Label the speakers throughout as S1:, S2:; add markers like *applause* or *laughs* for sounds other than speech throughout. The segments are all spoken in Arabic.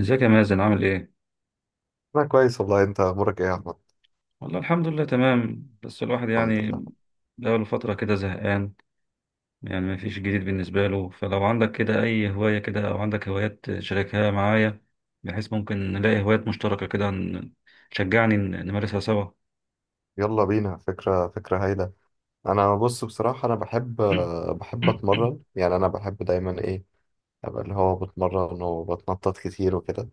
S1: ازيك يا مازن، عامل ايه؟
S2: أنا كويس والله. أنت أمورك إيه يا أحمد؟
S1: والله الحمد لله تمام، بس الواحد
S2: الحمد لله.
S1: يعني بقاله فترة كده زهقان. يعني مفيش جديد بالنسبة له، فلو عندك كده أي هواية كده أو عندك هوايات شاركها معايا، بحيث ممكن نلاقي هوايات مشتركة كده تشجعني نمارسها سوا.
S2: يلا بينا، فكرة فكرة هايلة. أنا بص، بصراحة أنا بحب
S1: *clears throat*
S2: بحب أتمرن. يعني أنا بحب دايما إيه، أبقى اللي هو بتمرن وبتنطط كتير وكده.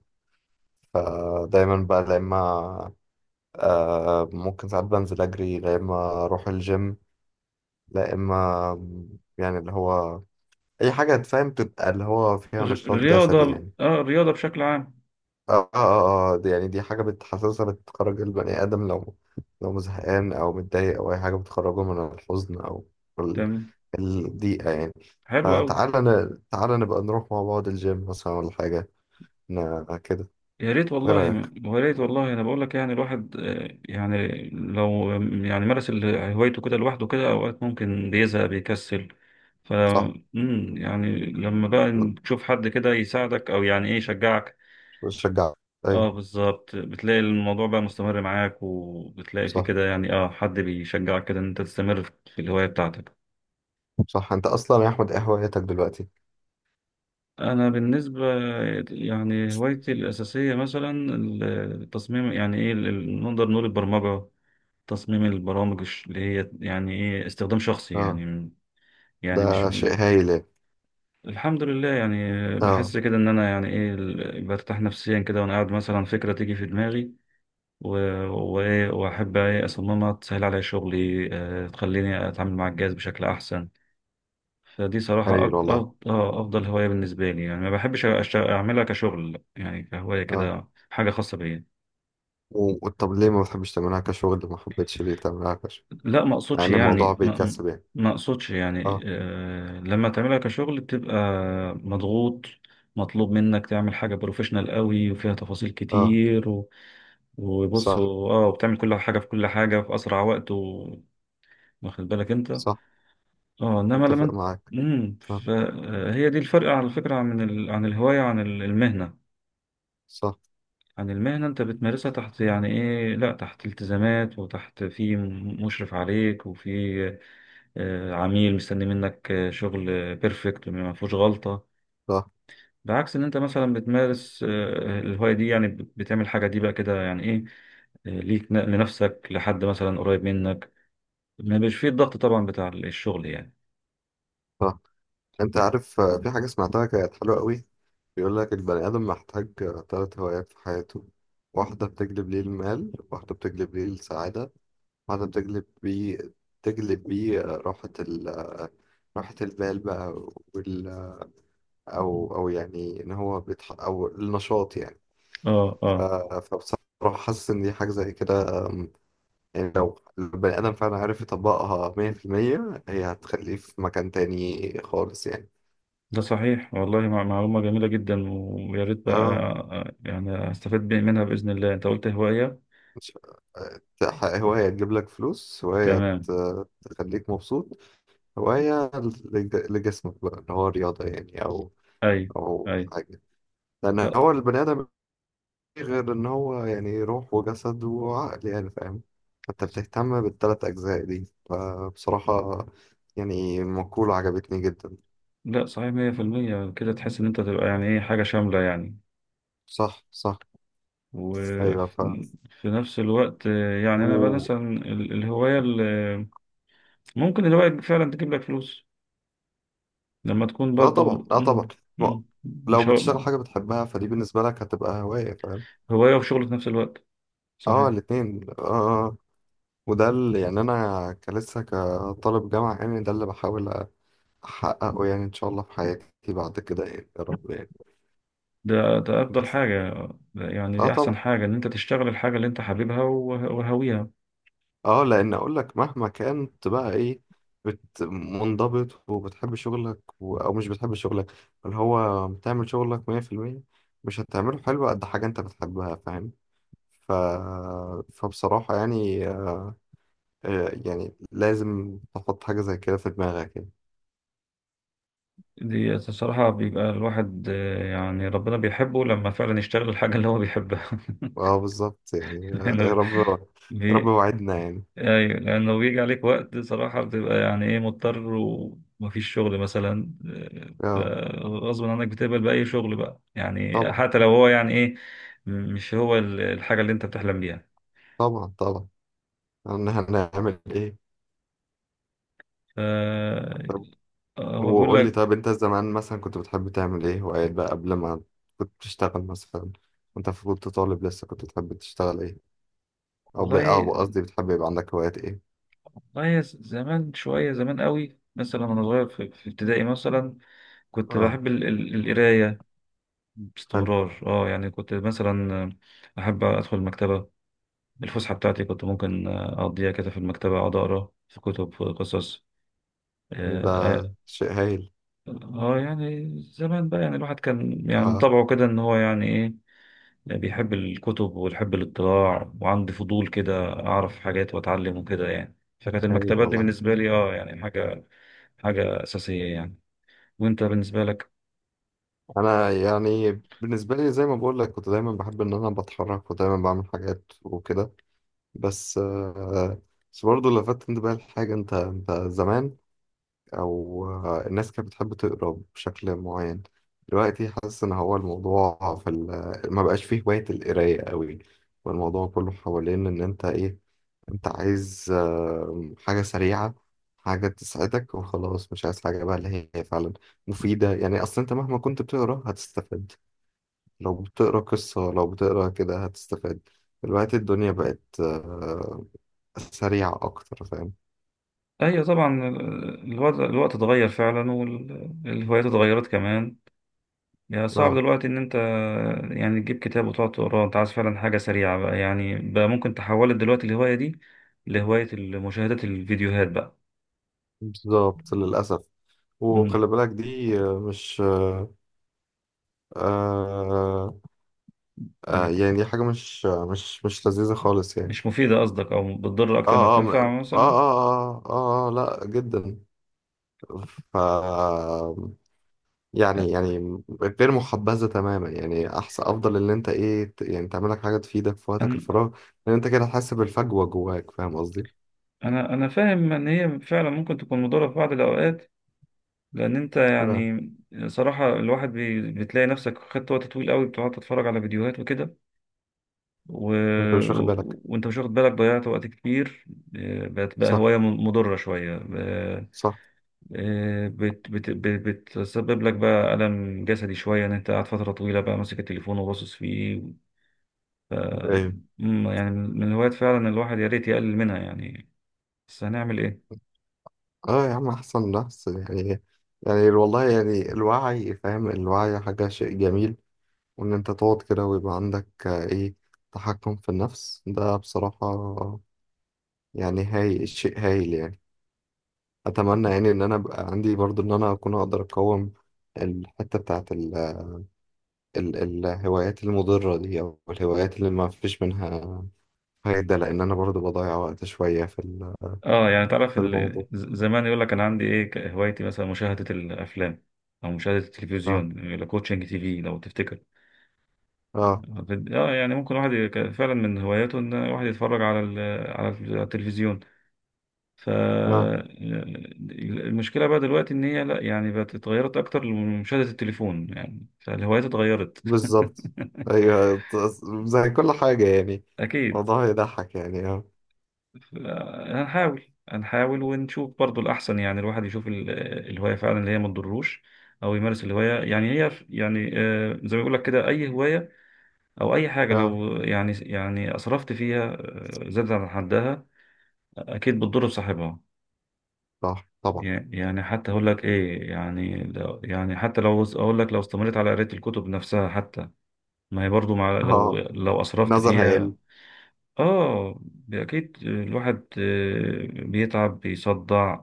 S2: فدايما بقى لا إما، ممكن ساعات بنزل أجري، لا إما أروح الجيم، لا إما، يعني اللي هو أي حاجة تفهم تبقى اللي هو فيها
S1: الر-
S2: نشاط جسدي
S1: الرياضة
S2: يعني.
S1: اه الرياضة بشكل عام.
S2: اه اه اه، دي يعني حاجة بتحسسها بتخرج البني آدم. لو زهقان أو متضايق أو أي حاجة بتخرجه من الحزن أو ال-
S1: تمام،
S2: الضيقة يعني.
S1: حلو أوي.
S2: فتعالى ن... تعالى نبقى نروح مع بعض الجيم مثلا ولا حاجة، كده.
S1: يا ريت
S2: إيه
S1: والله،
S2: رأيك؟
S1: انا بقول لك يعني الواحد، يعني لو يعني مارس هوايته كده لوحده، كده اوقات ممكن بيزهق بيكسل. ف
S2: صح،
S1: يعني لما بقى تشوف حد كده يساعدك او يعني ايه يشجعك.
S2: بشجع، أيوة.
S1: اه، بالظبط، بتلاقي الموضوع بقى مستمر معاك وبتلاقي فيه
S2: صح
S1: كده، يعني حد بيشجعك كده ان انت تستمر في الهواية بتاعتك.
S2: صح. أنت أصلا يا أحمد، إيه هوايتك دلوقتي؟
S1: انا بالنسبة يعني هوايتي الاساسية مثلا التصميم، يعني ايه نقدر نقول البرمجة، تصميم البرامج اللي هي يعني ايه استخدام شخصي
S2: اه،
S1: يعني. يعني مش
S2: ده شيء هايل يعني.
S1: الحمد لله يعني،
S2: اه،
S1: بحس كده ان انا يعني ايه برتاح نفسيا كده، وانا قاعد مثلا فكرة تيجي في دماغي و- وايه، واحب ايه اصممها تسهل عليا شغلي، تخليني اتعامل مع الجهاز بشكل احسن. فدي صراحة
S2: هايل والله.
S1: افضل هواية بالنسبة لي، يعني ما بحبش اعملها كشغل، يعني كهواية
S2: اه.
S1: كده حاجة خاصة بيا.
S2: طب ليه ما بتحبش تعملها كشغل؟ ما حبيتش ليه تعملها كشغل؟
S1: لا،
S2: مع إن الموضوع بيكسب يعني.
S1: ما اقصدش يعني،
S2: اه.
S1: لما تعملها كشغل بتبقى مضغوط، مطلوب منك تعمل حاجة بروفيشنال قوي وفيها تفاصيل
S2: اه،
S1: كتير. و... وبص،
S2: صح.
S1: وبتعمل كل حاجة في أسرع وقت، و... واخد بالك أنت.
S2: صح،
S1: اه، إنما لما
S2: متفق معاك.
S1: امم
S2: اه،
S1: فهي دي الفرق على فكرة، عن الهواية، عن ال- المهنة
S2: صح.
S1: عن المهنة أنت بتمارسها تحت، يعني إيه لا، تحت التزامات، وتحت في مشرف عليك، وفي عميل مستني منك شغل بيرفكت ما فيهوش غلطة.
S2: صح
S1: بعكس ان انت مثلا بتمارس الهواية دي، يعني بتعمل حاجة دي بقى كده يعني ايه ليك، لنفسك، لحد مثلا قريب منك، ما بيش فيه الضغط طبعا بتاع الشغل يعني.
S2: صح. انت عارف، في حاجة سمعتها كانت حلوة قوي. بيقول لك البني آدم محتاج تلات هوايات في حياته. واحدة بتجلب ليه المال، واحدة بتجلب ليه السعادة، واحدة بتجلب بيه، تجلب بيه راحة ال آه، راحة البال بقى. وال أو يعني إن هو بيتح أو النشاط يعني.
S1: اه، اه،
S2: فبصراحة حاسس إن دي حاجة زي كده. يعني لو البني آدم فعلا عارف يطبقها 100%، هي هتخليه في مكان تاني خالص يعني.
S1: ده صحيح والله، معلومة جميلة جدا. ويا ريت بقى،
S2: اه،
S1: يعني استفاد منها بإذن الله. انت قلت هواية،
S2: مش هواية تجيب لك فلوس، هواية
S1: تمام.
S2: تخليك مبسوط، هواية لجسمك بقى اللي هو رياضة يعني، أو
S1: اي،
S2: أو
S1: اي.
S2: حاجة. لأن
S1: لا،
S2: هو البني آدم مفيش غير إن هو يعني روح وجسد وعقل يعني، فاهم؟ أنت بتهتم بالتلات أجزاء دي، فبصراحة يعني مقولة عجبتني جدا.
S1: لا، صحيح 100%. كده تحس ان انت تبقى يعني ايه حاجة شاملة يعني.
S2: صح صح، أيوة.
S1: وفي نفس الوقت، يعني أنا بقى
S2: و...
S1: مثلا الهواية اللي ممكن الهواية فعلا تجيب لك فلوس لما تكون
S2: لا طبعا،
S1: برضو،
S2: لا طبعا. ما... لو
S1: مش هو-
S2: بتشتغل حاجة بتحبها فدي بالنسبة لك هتبقى هواية، فاهم؟
S1: هواية وشغل في نفس الوقت،
S2: اه،
S1: صحيح.
S2: الاتنين، اه. وده اللي يعني انا كلسه كطالب جامعة، يعني ده اللي بحاول احققه يعني، ان شاء الله في حياتي بعد كده يعني يا رب يعني.
S1: ده أفضل
S2: بس
S1: حاجة، ده يعني
S2: اه،
S1: دي أحسن
S2: طبعا.
S1: حاجة إن أنت تشتغل الحاجة اللي أنت حاببها، وهاويها.
S2: اه، لان اقول لك مهما كانت بقى ايه، منضبط وبتحب شغلك، او مش بتحب شغلك اللي هو بتعمل شغلك 100%، مش هتعمله حلو قد حاجة انت بتحبها، فاهم؟ ف... فبصراحة يعني يعني لازم تحط حاجة زي كده في دماغك يعني.
S1: دي الصراحة بيبقى الواحد، يعني ربنا بيحبه لما فعلا يشتغل الحاجة اللي هو بيحبها. *laughs*
S2: اه، بالظبط يعني. يا
S1: لأنه
S2: رب. يا رب،
S1: بي-
S2: وعدنا يعني.
S1: ايوه، لان لو بيجي عليك وقت صراحة بتبقى يعني ايه مضطر، ومفيش شغل مثلا، ف-
S2: اه،
S1: غصب عنك بتقبل بأي شغل بقى، يعني
S2: طبعا
S1: حتى لو هو يعني ايه مش هو الحاجة اللي انت بتحلم بيها.
S2: طبعا طبعا. هنعمل ايه؟
S1: ف-
S2: طب،
S1: هو بيقول
S2: وقول لي،
S1: لك
S2: طب انت زمان مثلا كنت بتحب تعمل ايه هوايات بقى قبل ما كنت بتشتغل مثلا، وانت كنت طالب لسه كنت بتحب تشتغل ايه؟ او ب...
S1: والله.
S2: او قصدي، بتحب يبقى عندك هوايات ايه؟
S1: والله زمان، شوية زمان قوي، مثلا وانا صغير في ابتدائي مثلا كنت
S2: اه،
S1: بحب القراية
S2: حلو،
S1: باستمرار. اه يعني كنت مثلا احب ادخل المكتبة. الفسحة بتاعتي كنت ممكن أقضيها كده في المكتبة، أقعد أقرأ في كتب، في قصص.
S2: ده
S1: آه, آه,
S2: شيء هايل.
S1: يعني زمان بقى، يعني الواحد كان يعني من
S2: اه،
S1: طبعه كده إن هو يعني إيه بيحب الكتب ويحب الاطلاع، وعندي فضول كده أعرف حاجات وأتعلم وكده يعني. فكانت
S2: هايل
S1: المكتبات دي
S2: والله.
S1: بالنسبة لي يعني حاجة أساسية يعني. وأنت بالنسبة لك؟
S2: انا يعني بالنسبه لي زي ما بقول لك، كنت دايما بحب ان انا بتحرك ودايما بعمل حاجات وكده، بس بس برضه لفت انتباهي لحاجه. انت انت زمان، او الناس كانت بتحب تقرا بشكل معين. دلوقتي حاسس ان هو الموضوع في ما بقاش فيه هوايه القرايه قوي، والموضوع كله حوالين ان انت ايه، انت عايز حاجه سريعه، حاجة تسعدك وخلاص، مش عايز حاجة بقى اللي هي فعلا مفيدة. يعني أصلا أنت مهما كنت بتقرا هتستفاد، لو بتقرا قصة لو بتقرا كده هتستفاد. دلوقتي الدنيا بقت سريعة أكتر، فاهم؟
S1: أيوة طبعا، الوضع الوقت اتغير فعلا، والهوايات اتغيرت كمان. يعني صعب
S2: اه،
S1: دلوقتي إن أنت يعني تجيب كتاب وتقعد تقراه. أنت عايز فعلا حاجة سريعة بقى، يعني بقى ممكن تحولت دلوقتي الهواية دي لهواية مشاهدة الفيديوهات بقى.
S2: بالظبط، للأسف.
S1: مم.
S2: وخلي بالك، دي مش آه آه
S1: م-
S2: يعني دي حاجة مش آه، مش مش لذيذة خالص يعني.
S1: مش مفيدة قصدك، أو بتضر أكتر ما
S2: اه اه اه
S1: بتنفع مثلا.
S2: اه اه، آه، آه، لا جدا. ف يعني
S1: أ-
S2: يعني غير محبذة تماما يعني. أحسن، أفضل إن أنت إيه، يعني تعمل لك حاجة تفيدك في وقتك
S1: أنا
S2: الفراغ، لأن أنت كده هتحس بالفجوة جواك، فاهم قصدي؟
S1: أنا فاهم إن هي فعلا ممكن تكون مضرة في بعض الأوقات، لأن أنت
S2: ف-
S1: يعني صراحة الواحد بتلاقي نفسك خدت وقت طويل قوي بتقعد تتفرج على فيديوهات وكده، و...
S2: أنت مش واخد بالك.
S1: وانت مش واخد بالك ضيعت وقت كتير. بقت بقى
S2: صح
S1: هواية مضرة شوية،
S2: صح،
S1: آه، بت... بت... بت... بتسبب لك بقى ألم جسدي شوية، إن أنت قاعد فترة طويلة بقى ماسك التليفون وباصص فيه. آه،
S2: أيوه.
S1: يعني من الهوايات فعلا الواحد يا ريت يقلل منها يعني. بس هنعمل إيه؟
S2: أه يا عم، أحسن نفس يعني. يعني والله يعني الوعي فاهم، الوعي حاجة، شيء جميل. وإن أنت تقعد كده ويبقى عندك آه، إيه تحكم في النفس، ده بصراحة يعني، هاي شيء هايل يعني. اتمنى يعني ان انا ابقى عندي برضو ان انا اكون اقدر اقاوم الحته بتاعت ال ال الهوايات المضره دي، او الهوايات اللي ما فيش منها فايده، لان انا برضو بضيع وقت شويه
S1: يعني تعرف،
S2: في الموضوع.
S1: زمان يقول لك أنا عندي إيه، هوايتي مثلا مشاهدة الأفلام أو مشاهدة
S2: اه
S1: التلفزيون. يقول لك كوتشنج تي في لو تفتكر.
S2: اه
S1: يعني ممكن واحد فعلا من هواياته ان واحد يتفرج على على التلفزيون. ف
S2: اه،
S1: المشكله بقى دلوقتي ان هي لا، يعني بقت اتغيرت اكتر لمشاهده التليفون يعني، فالهوايات اتغيرت. *laughs*
S2: بالظبط. ايوه، زي كل حاجه يعني
S1: اكيد.
S2: الموضوع يضحك يعني، اه.
S1: ف- هنحاول، ونشوف برضو الاحسن، يعني الواحد يشوف الهوايه فعلا اللي هي ما تضروش، او يمارس الهوايه، يعني هي يعني زي ما بيقول لك كده اي هوايه او اي حاجه،
S2: اه،
S1: لو يعني اسرفت فيها، زادت عن حدها اكيد بتضر بصاحبها.
S2: صح طبعا.
S1: يعني حتى اقول لك ايه، يعني لو يعني حتى لو اقول لك لو استمريت على قرايه الكتب نفسها، حتى ما هي برضو، مع
S2: اه،
S1: لو اسرفت
S2: النظر
S1: فيها.
S2: هيقل.
S1: اه، اكيد الواحد بيتعب بيصدع.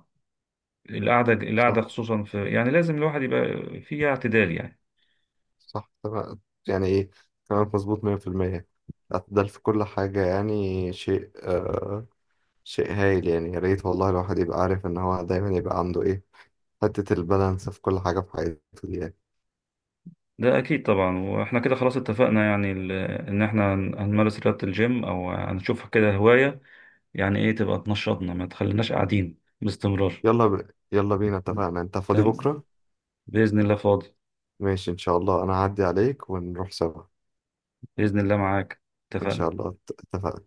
S1: القعده
S2: صح
S1: القعده خصوصا، في يعني لازم الواحد يبقى فيها اعتدال يعني.
S2: صح، تمام. يعني ايه، كلامك مظبوط 100%. الاعتدال في كل حاجة يعني شيء، شيء هايل يعني. يا ريت والله الواحد يبقى عارف ان هو دايما يبقى عنده ايه، حتة البالانس في كل حاجة في حياته دي يعني.
S1: ده اكيد طبعا، واحنا كده خلاص اتفقنا يعني ان احنا هنمارس رياضه الجيم، او هنشوف كده هوايه يعني ايه تبقى تنشطنا، ما تخليناش قاعدين باستمرار.
S2: يلا بينا، اتفقنا. انت فاضي
S1: تمام،
S2: بكرة؟
S1: بإذن الله فاضي.
S2: ماشي، ان شاء الله انا هعدي عليك ونروح سوا.
S1: بإذن الله معاك،
S2: ان شاء
S1: اتفقنا.
S2: الله، اتفقنا.